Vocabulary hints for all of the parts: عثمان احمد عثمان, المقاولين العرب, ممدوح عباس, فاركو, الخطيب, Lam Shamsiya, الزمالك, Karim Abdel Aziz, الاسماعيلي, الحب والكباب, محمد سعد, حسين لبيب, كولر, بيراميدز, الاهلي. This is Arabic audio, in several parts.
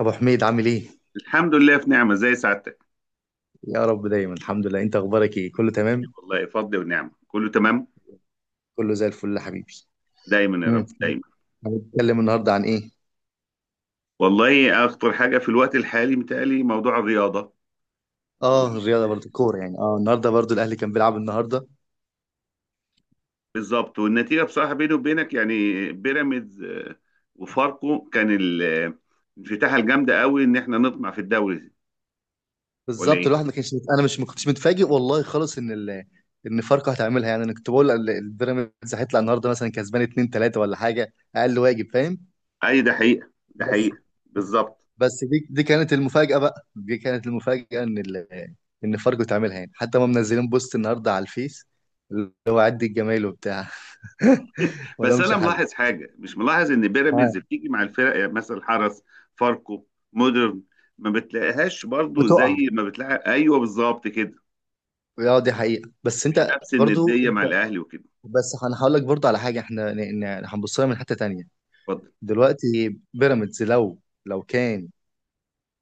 ابو حميد، عامل ايه؟ الحمد لله، في نعمة زي سعادتك. يا رب دايما. الحمد لله. انت اخبارك ايه؟ كله تمام؟ والله فضل ونعمة، كله تمام. كله زي الفل يا حبيبي. دايما يا امم رب دايما. هنتكلم النهارده عن ايه؟ والله أخطر حاجة في الوقت الحالي متهيألي موضوع الرياضة. اه، وال- الرياضه برضو، الكوره. يعني النهارده برضو الاهلي كان بيلعب النهارده. بالظبط، والنتيجة بصراحة بيني وبينك يعني بيراميدز وفاركو كان الانفتاحة الجامدة قوي إن إحنا نطمع في الدوري ولا بالظبط. إيه؟ الواحد ما كانش مت- انا مش ما كنتش متفاجئ والله خالص ان فاركو هتعملها. يعني انا كنت بقول البيراميدز هيطلع النهارده مثلا كسبان 2 3 ولا حاجه اقل. واجب. فاهم. أي ده حقيقة، ده بس حقيقة. بس بالظبط. بس دي كانت المفاجأة. بقى دي كانت المفاجأة ان فاركو تعملها. يعني حتى ما منزلين بوست النهارده على الفيس اللي هو عد الجمايل وبتاع. ولا بس مش انا حل. ملاحظ حاجه، مش ملاحظ ان ها، بيراميدز بتيجي مع الفرق، يعني مثلا حرس، فاركو، مودرن، ما بتلاقيهاش برضو زي وتقع. ما بتلاقي. ايوه بالظبط كده، اه، دي حقيقة. بس مش انت نفس برضو النديه انت، مع الاهلي وكده. بس انا هقول لك برضو على حاجة، احنا هنبص لها من حتة تانية. اتفضل. دلوقتي بيراميدز لو، لو كان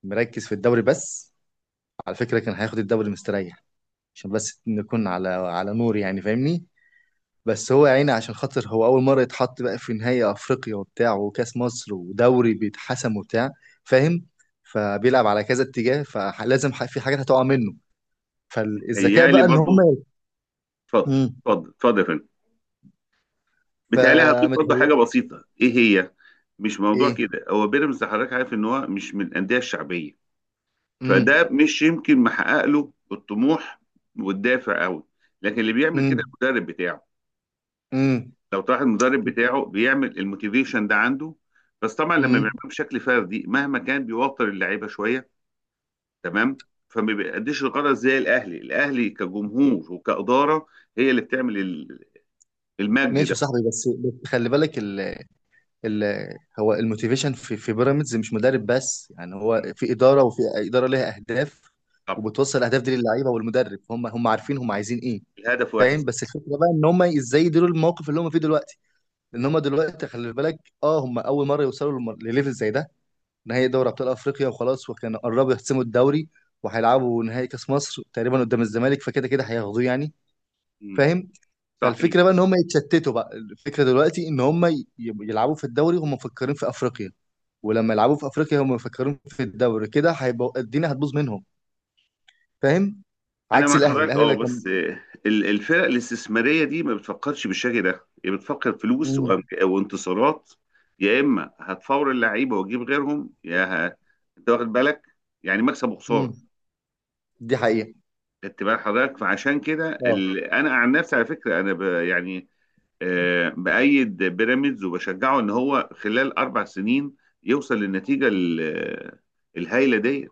مركز في الدوري بس، على فكرة كان هياخد الدوري مستريح. عشان بس نكون على نور، يعني فاهمني. بس هو يا عيني، عشان خاطر هو اول مره يتحط بقى في نهائي افريقيا وبتاع، وكاس مصر، ودوري بيتحسم وبتاع. فاهم. فبيلعب على كذا اتجاه، فلازم في حاجات هتقع منه. فالذكاء متهيالي بقى ان هم. برضو. اتفضل امم اتفضل اتفضل يا فندم. متهيالي هضيف برضو فمتهيأ. حاجه بسيطه، ايه هي؟ مش موضوع ايه. كده، هو بيراميدز حضرتك عارف ان هو مش من الانديه الشعبيه، امم فده مش يمكن محقق له الطموح والدافع قوي، لكن اللي بيعمل كده امم المدرب بتاعه. امم لو تلاحظ المدرب بتاعه بيعمل الموتيفيشن ده عنده، بس طبعا لما بيعمله امم بشكل فردي مهما كان بيوتر اللعيبه شويه. تمام. فما بيأديش الغرض زي الاهلي. الاهلي كجمهور وكاداره هي اللي بتعمل المجد ماشي ده. يا صاحبي. بس خلي بالك، هو الموتيفيشن في في بيراميدز مش مدرب بس، يعني هو مم. في اداره، وفي اداره ليها اهداف، طب. وبتوصل الاهداف دي للعيبه والمدرب. هم عارفين هم عايزين ايه. الهدف واحد. فاهم. بس الفكره بقى ان هم ازاي يديروا الموقف اللي هم فيه دلوقتي. لان هم دلوقتي خلي بالك، اه، هم اول مره يوصلوا لليفل زي ده. نهائي دوري ابطال افريقيا وخلاص، وكانوا قربوا يحسموا الدوري، وهيلعبوا نهائي كاس مصر تقريبا قدام الزمالك. فكده كده هياخدوه يعني. مم. فاهم. صحيح. فالفكره بقى ان هم يتشتتوا بقى. الفكره دلوقتي ان هم يلعبوا في الدوري هم مفكرين في افريقيا، ولما يلعبوا في افريقيا هم مفكرين في الدوري. كده هيبقى الدنيا هتبوظ منهم. فاهم. انا عكس مع الاهلي. حضرتك، الاهلي اه، لا كان. بس الفرق الاستثماريه دي ما بتفكرش بالشكل ده، هي بتفكر فلوس امم وانتصارات. يا اما هتفور اللعيبه وتجيب غيرهم انت واخد بالك؟ يعني مكسب امم وخساره. دي حقيقه. خدت بال حضرتك، فعشان كده اه، انا عن نفسي، على فكره، يعني بأيد بيراميدز وبشجعه ان هو خلال اربع سنين يوصل للنتيجه الهائله ديت.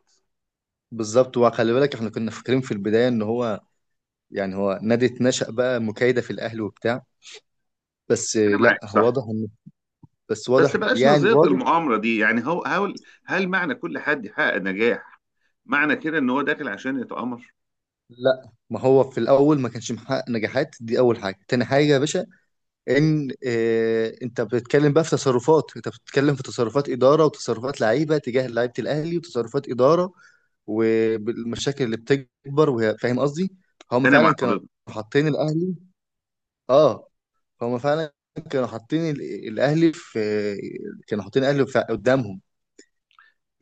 بالظبط. وخلي بالك احنا كنا فاكرين في البدايه ان هو، يعني هو نادي اتنشأ بقى مكايده في الاهلي وبتاع. بس انا معاك لا، هو واضح صح، ان، بس بس واضح بلاش يعني، نظريه واضح. المؤامره دي. يعني هو هل، هل معنى كل حد يحقق نجاح معنى كده ان هو داخل عشان يتآمر؟ لا، ما هو في الاول ما كانش محقق نجاحات. دي اول حاجه. تاني حاجه يا باشا، ان انت بتتكلم بقى في تصرفات، انت بتتكلم في تصرفات اداره، وتصرفات لعيبه تجاه لعيبه الاهلي، وتصرفات اداره، والمشاكل اللي بتكبر وهي، فاهم قصدي. هم انا فعلا مع كانوا حضرتك. حاطين الاهلي. اه، هم فعلا كانوا حاطين الاهلي في، كانوا حاطين الاهلي قدامهم.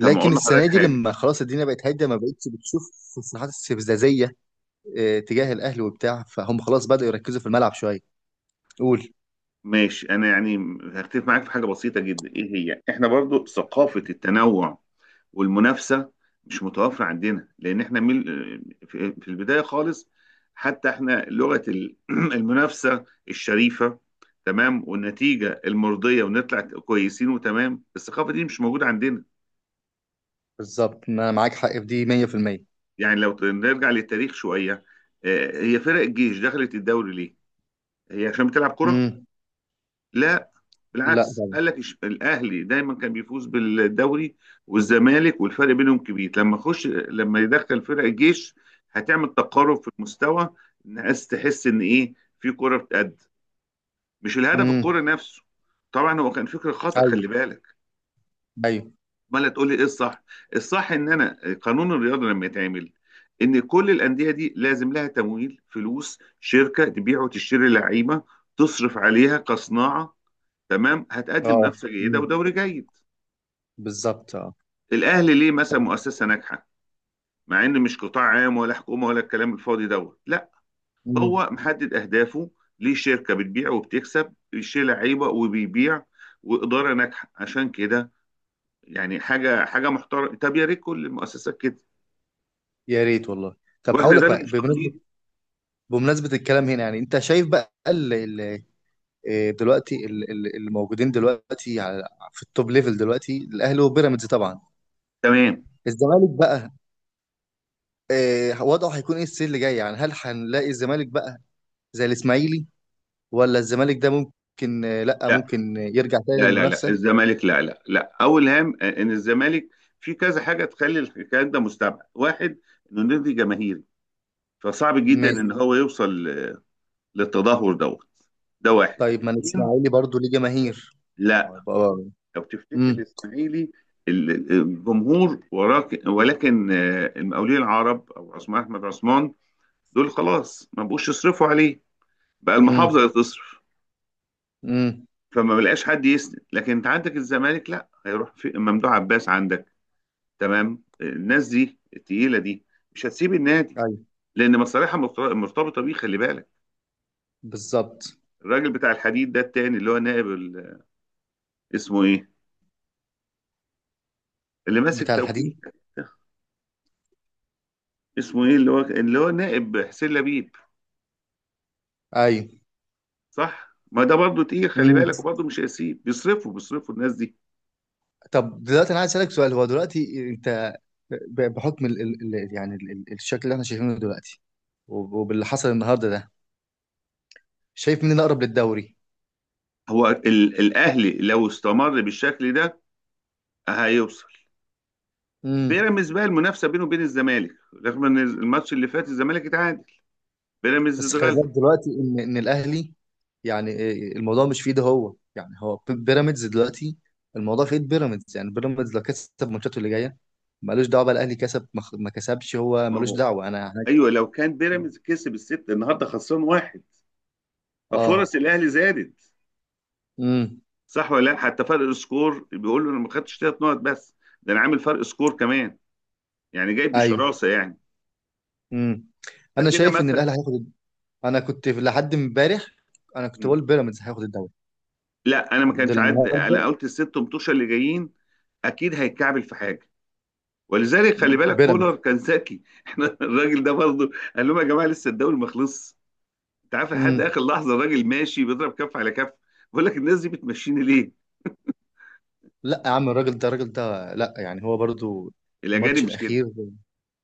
طب ما لكن اقول السنه لحضرتك دي حاجه. لما خلاص الدنيا بقت هاديه، ما بقتش بتشوف تصريحات استفزازيه تجاه الاهلي وبتاع، فهم خلاص بداوا يركزوا في الملعب شويه. قول. ماشي، انا يعني هختلف معاك في حاجه بسيطه جدا، ايه هي؟ احنا برضو ثقافه التنوع والمنافسه مش متوفره عندنا، لان احنا من، في في البدايه خالص حتى احنا لغه المنافسه الشريفه، تمام، والنتيجه المرضيه، ونطلع كويسين وتمام، الثقافه دي مش موجوده عندنا. بالظبط، ما انا معاك حق في دي 100%. يعني لو نرجع للتاريخ شويه، هي فرق الجيش دخلت الدوري ليه؟ هي عشان بتلعب كره؟ امم لا، لا بالعكس. طبعا. قال لك الاهلي دايما كان بيفوز بالدوري والزمالك، والفرق بينهم كبير. لما اخش لما يدخل فرق الجيش هتعمل تقارب في المستوى. الناس تحس ان ايه؟ في كرة بتقد، مش الهدف الكرة امم نفسه. طبعا هو كان فكر خطأ، ايوه. خلي بالك. ايوه. امال تقول لي ايه الصح؟ الصح ان انا قانون الرياضة لما يتعمل، ان كل الاندية دي لازم لها تمويل، فلوس، شركة تبيع وتشتري لعيبة، تصرف عليها كصناعة، تمام، هتقدم اه. منافسه جيده امم ودوري جيد. بالظبط. اه. الاهلي ليه مثلا طب. مؤسسه ناجحه مع ان مش قطاع عام ولا حكومه ولا الكلام الفاضي دوت؟ لا، امم هو محدد اهدافه، ليه شركه بتبيع وبتكسب، ليه لعيبه وبيبيع، واداره ناجحه، عشان كده يعني حاجه حاجه محترمه. طب يا ريت كل المؤسسات كده. يا ريت والله. طب، هقول واحنا ده لك اللي بقى بمناسبه، مفتقدين. بمناسبه الكلام هنا، يعني انت شايف بقى ال ال دلوقتي اللي موجودين دلوقتي على، في التوب ليفل دلوقتي الاهلي وبيراميدز طبعا. تمام. الزمالك بقى وضعه هيكون ايه السنه اللي جايه؟ يعني هل هنلاقي الزمالك بقى زي الاسماعيلي؟ ولا الزمالك ده ممكن، لا، لا ممكن يرجع تاني لا لا لا، للمنافسه؟ الزمالك لا لا لا. اول هام ان الزمالك في كذا حاجه تخلي الكلام ده مستبعد. واحد، انه نادي جماهيري، فصعب جدا ان هو يوصل للتدهور دوت، ده واحد. طيب، ما اثنين، الاسماعيلي برضو ليه جماهير. لا. بقى- لو تفتكر امم الاسماعيلي، الجمهور وراك، ولكن المقاولين العرب او عثمان احمد عثمان دول خلاص ما بقوش يصرفوا عليه، بقى المحافظه امم اللي تصرف، امم فما بلقاش حد يسند. لكن انت عندك الزمالك، لا، هيروح في ممدوح عباس عندك، تمام، الناس دي التقيله دي مش هتسيب النادي، ايوه لان مرتبطه بيه، خلي بالك. بالظبط. الراجل بتاع الحديد ده التاني، اللي هو نائب اسمه ايه، اللي ماسك بتاع توكيل، الحديد. اسمه ايه، اللي هو نائب حسين لبيب، ايوه. صح؟ ما ده برضه تقيل، خلي امم بالك، وبرضه مش هيسيب، بيصرفوا، بيصرفوا الناس دي. طب دلوقتي انا عايز اسالك سؤال. هو دلوقتي انت، بحكم ال ال ال يعني ال ال الشكل اللي احنا شايفينه دلوقتي، وباللي حصل النهارده ده، شايف مين الاقرب للدوري؟ هو الاهلي لو استمر بالشكل ده هيوصل. امم بيراميدز بقى المنافسه بينه وبين الزمالك، رغم ان الماتش اللي فات الزمالك اتعادل، بيراميدز بس خلي اتغلب. بالك دلوقتي ان الاهلي، يعني الموضوع مش في ايده هو. يعني هو بيراميدز دلوقتي، الموضوع في ايد بيراميدز. يعني بيراميدز لو كسب ماتشاته اللي جايه، مالوش دعوه بقى الاهلي كسب ما كسبش، هو ما مالوش هو دعوه انا هناك. ايوه، لو كان بيراميدز كسب الست النهارده خسران واحد، اه. ففرص الاهلي زادت. امم صح ولا لا؟ حتى فرق السكور بيقول له انا ما خدتش ثلاث نقط بس، ده انا عامل فرق سكور كمان، يعني جاي ايوه. بشراسه يعني، امم انا فكده شايف ان مثلا. الاهلي هياخد. انا كنت لحد امبارح انا كنت م. بقول بيراميدز هياخد الدوري. لا، انا ما ده كانش عاد، انا النهارده. قلت الست متوشه اللي جايين اكيد هيتكعبل في حاجه. ولذلك خلي بالك كولر بيراميدز. كان ذكي. احنا الراجل ده برضه قال لهم يا جماعه لسه الدوري ما خلصش. انت عارف، لحد امم اخر لحظه الراجل ماشي بيضرب كف على كف، بقول لك الناس دي بتمشيني ليه؟ لا يا عم، الراجل ده، الراجل ده لا، يعني هو برضو. الاجانب الماتش مش كده. الاخير.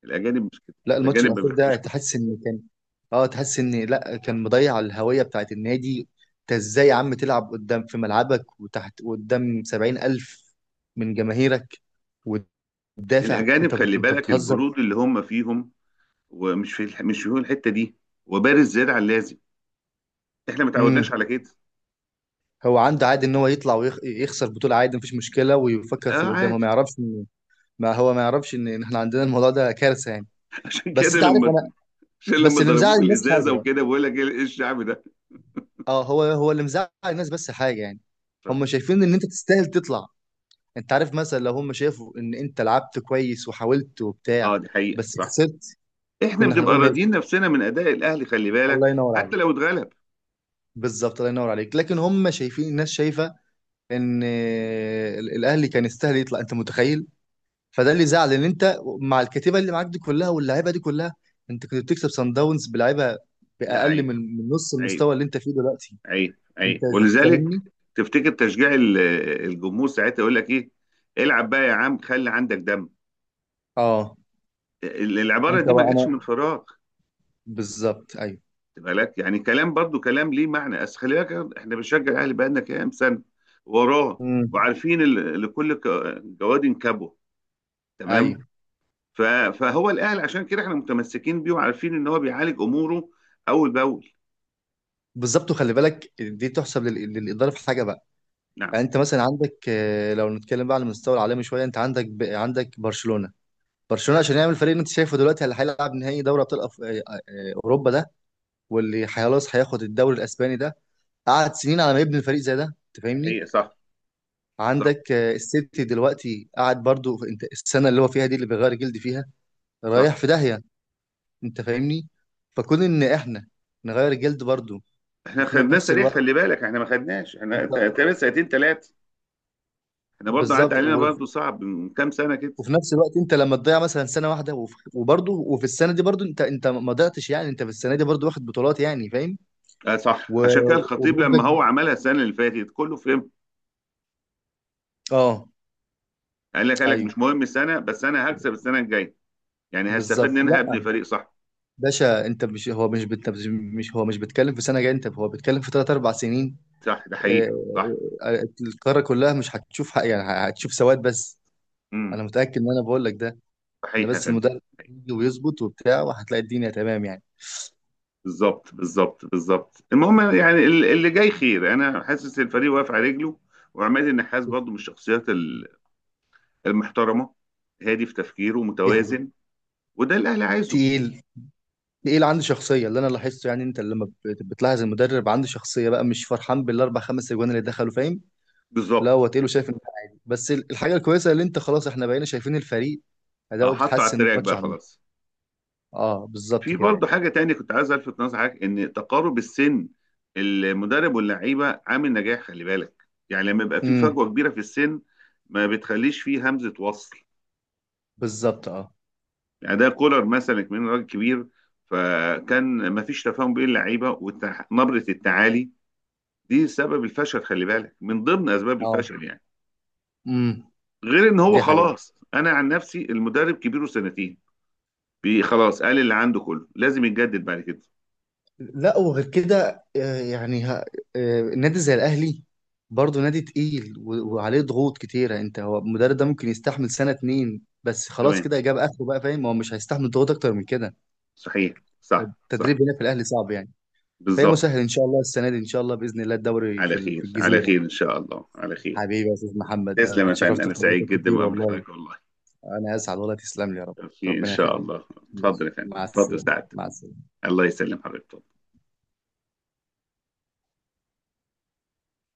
الاجانب مش كده. لا، الماتش الاجانب ما الاخير ده بيحبوش كده. تحس ان كان، اه تحس ان لا، كان مضيع الهويه بتاعت النادي. انت ازاي يا عم تلعب قدام في ملعبك وتحت قدام 70 ألف من جماهيرك وتدافع؟ الاجانب خلي انت بالك بتهزر. البرود اللي هم فيهم، ومش في مش فيهم الحته دي، وبارز زياده عن اللازم، احنا ما تعودناش امم على كده. هو عنده عادي ان هو يطلع ويخسر بطوله، عادي مفيش مشكله ويفكر في اه اللي قدام. هو عادي. ما يعرفش ما هو ما يعرفش ان احنا عندنا الموضوع ده كارثه يعني. عشان بس كده انت عارف لما، انا. عشان بس لما اللي ضربوه مزعل الناس بالازازه حاجه بقى. وكده بقول لك ايه، إيه الشعب ده. اه، هو هو اللي مزعل الناس بس حاجه، يعني اتفضل. هم شايفين ان انت تستاهل تطلع. انت عارف، مثلا، لو هم شافوا ان انت لعبت كويس وحاولت وبتاع اه دي حقيقه، بس صح. خسرت، احنا كنا بنبقى هنقول ماشي، راضيين نفسنا من اداء الاهلي، خلي بالك، الله ينور حتى عليك. لو اتغلب. بالظبط، الله ينور عليك. لكن هم شايفين الناس شايفه ان الاهلي كان يستاهل يطلع. انت متخيل. فده اللي زعل، ان انت مع الكتيبه اللي معاك دي كلها، واللعيبه دي كلها، انت كنت بتكسب سان داونز بلعيبه لا باقل عيب، من من نص عيب، المستوى اللي انت فيه دلوقتي. عيب، انت عيب. ولذلك فاهمني. تفتكر تشجيع الجمهور ساعتها يقول لك ايه؟ العب بقى يا عم، خلي عندك دم. اه. العباره انت دي ما بقى جاتش انا، من فراغ، بالظبط ايوه. خد بالك، يعني كلام، برضو كلام ليه معنى. بس خلي بالك، احنا بنشجع الاهلي بقالنا كام سنه وراه، امم وعارفين جواد كبوه، تمام. ايوه، ف- فهو الاهل، عشان كده احنا متمسكين بيه، وعارفين ان هو بيعالج اموره اول باول. بالظبط. وخلي بالك دي تحسب للاداره في حاجه بقى. نعم، يعني انت مثلا عندك لو نتكلم بقى على المستوى العالمي شويه، انت عندك برشلونه. برشلونه عشان يعمل فريق اللي انت شايفه دلوقتي، اللي هيلعب نهائي دوري ابطال أف... آه، آه، آه، اوروبا ده، واللي خلاص هياخد الدوري الاسباني ده، قعد سنين على ما يبني الفريق زي ده. انت ده فاهمني. حقيقة، صح صح عندك السيتي دلوقتي قاعد برضو انت السنه اللي هو فيها دي اللي بيغير جلد فيها، صح. رايح في داهيه. انت فاهمني. فكون ان احنا نغير الجلد برضو. احنا وفي خدناه نفس سريع، خلي الوقت. بالك، احنا ما خدناش، احنا تقريبا سنتين ثلاثه. احنا برضه عدى بالظبط. علينا، برضه صعب، من كام سنه كده. وفي نفس الوقت انت لما تضيع مثلا سنه واحده، وبرضه، وفي السنه دي برضه انت، ما ضيعتش، يعني انت في السنه دي برضه واخد بطولات، يعني فاهم. اه صح، و... عشان كده الخطيب لما وبنسبه. هو عملها السنه اللي فاتت كله فهم. اه. قال لك، قال لك مش ايوه، مهم السنه، بس انا هكسب السنه الجايه، يعني هستفاد بالظبط. لا منها، هبني فريق، صح. باشا، انت مش، هو مش بيتكلم في سنه جايه. انت، هو بيتكلم في ثلاث اربع سنين. صح ده آه، حقيقه صح. القاره كلها مش هتشوف حق، يعني هتشوف سواد بس. امم. انا متاكد ان انا بقول لك ده. انا صحيح يا بس فندم. المدرب يجي ويظبط وبتاع، وهتلاقي الدنيا تمام يعني. بالظبط بالظبط بالظبط. المهم يعني اللي جاي خير. انا حاسس الفريق واقف على رجله، وعماد النحاس برضه من الشخصيات المحترمه، هادي في تفكيره، دي حاجه متوازن، وده اللي الاهلي عايزه. تقيل. ايه اللي عنده شخصيه اللي انا لاحظته، يعني انت لما بتلاحظ المدرب عنده شخصيه بقى، مش فرحان بالاربع خمس اجوان اللي دخلوا، فاهم. لا، بالظبط. هو تقيله، شايف ان ده عادي. بس الحاجه الكويسه اللي انت، خلاص احنا بقينا شايفين الفريق اداؤه حطه على بيتحسن التراك ماتش بقى عن ماتش. خلاص. اه بالظبط في كده برضه يعني. حاجه تانية كنت عايز الفت نظر حضرتك، ان تقارب السن المدرب واللعيبه عامل نجاح، خلي بالك. يعني لما يبقى في امم فجوه كبيره في السن ما بتخليش فيه همزه وصل. بالظبط اه. اداء كولر مثلا من راجل كبير، فكان ما فيش تفاهم بين اللعيبه، ونبره التعالي دي سبب الفشل خلي بالك، من ضمن اسباب اه. الفشل يعني. امم غير ان هو دي حقيقه. خلاص، انا عن نفسي المدرب كبيره سنتين، بي خلاص، قال اللي عنده كله، لازم يتجدد بعد كده. لا، وغير كده، يعني نادي زي الاهلي، برضه نادي تقيل و- وعليه ضغوط كتيره. انت، هو المدرب ده ممكن يستحمل سنه اتنين بس، خلاص تمام، كده جاب اخره بقى، فاهم. هو مش هيستحمل ضغوط اكتر من كده. صحيح صح صح. التدريب هنا في الاهلي صعب يعني. فهي بالظبط. مسهل ان شاء الله السنه دي، ان شاء الله باذن الله الدوري على في خير، على الجزيره. خير ان شاء الله، على خير. حبيبي يا استاذ محمد، تسلم أنا يا فندم، اتشرفت انا سعيد بحضرتك جدا كتير بمقابله والله. حضرتك والله. انا اسعد والله. تسلم لي يا رب. في ان ربنا شاء يخليك. الله. اتفضل يا فندم، مع اتفضل السلامه، سعد. مع السلامه. الله يسلم حضرتك.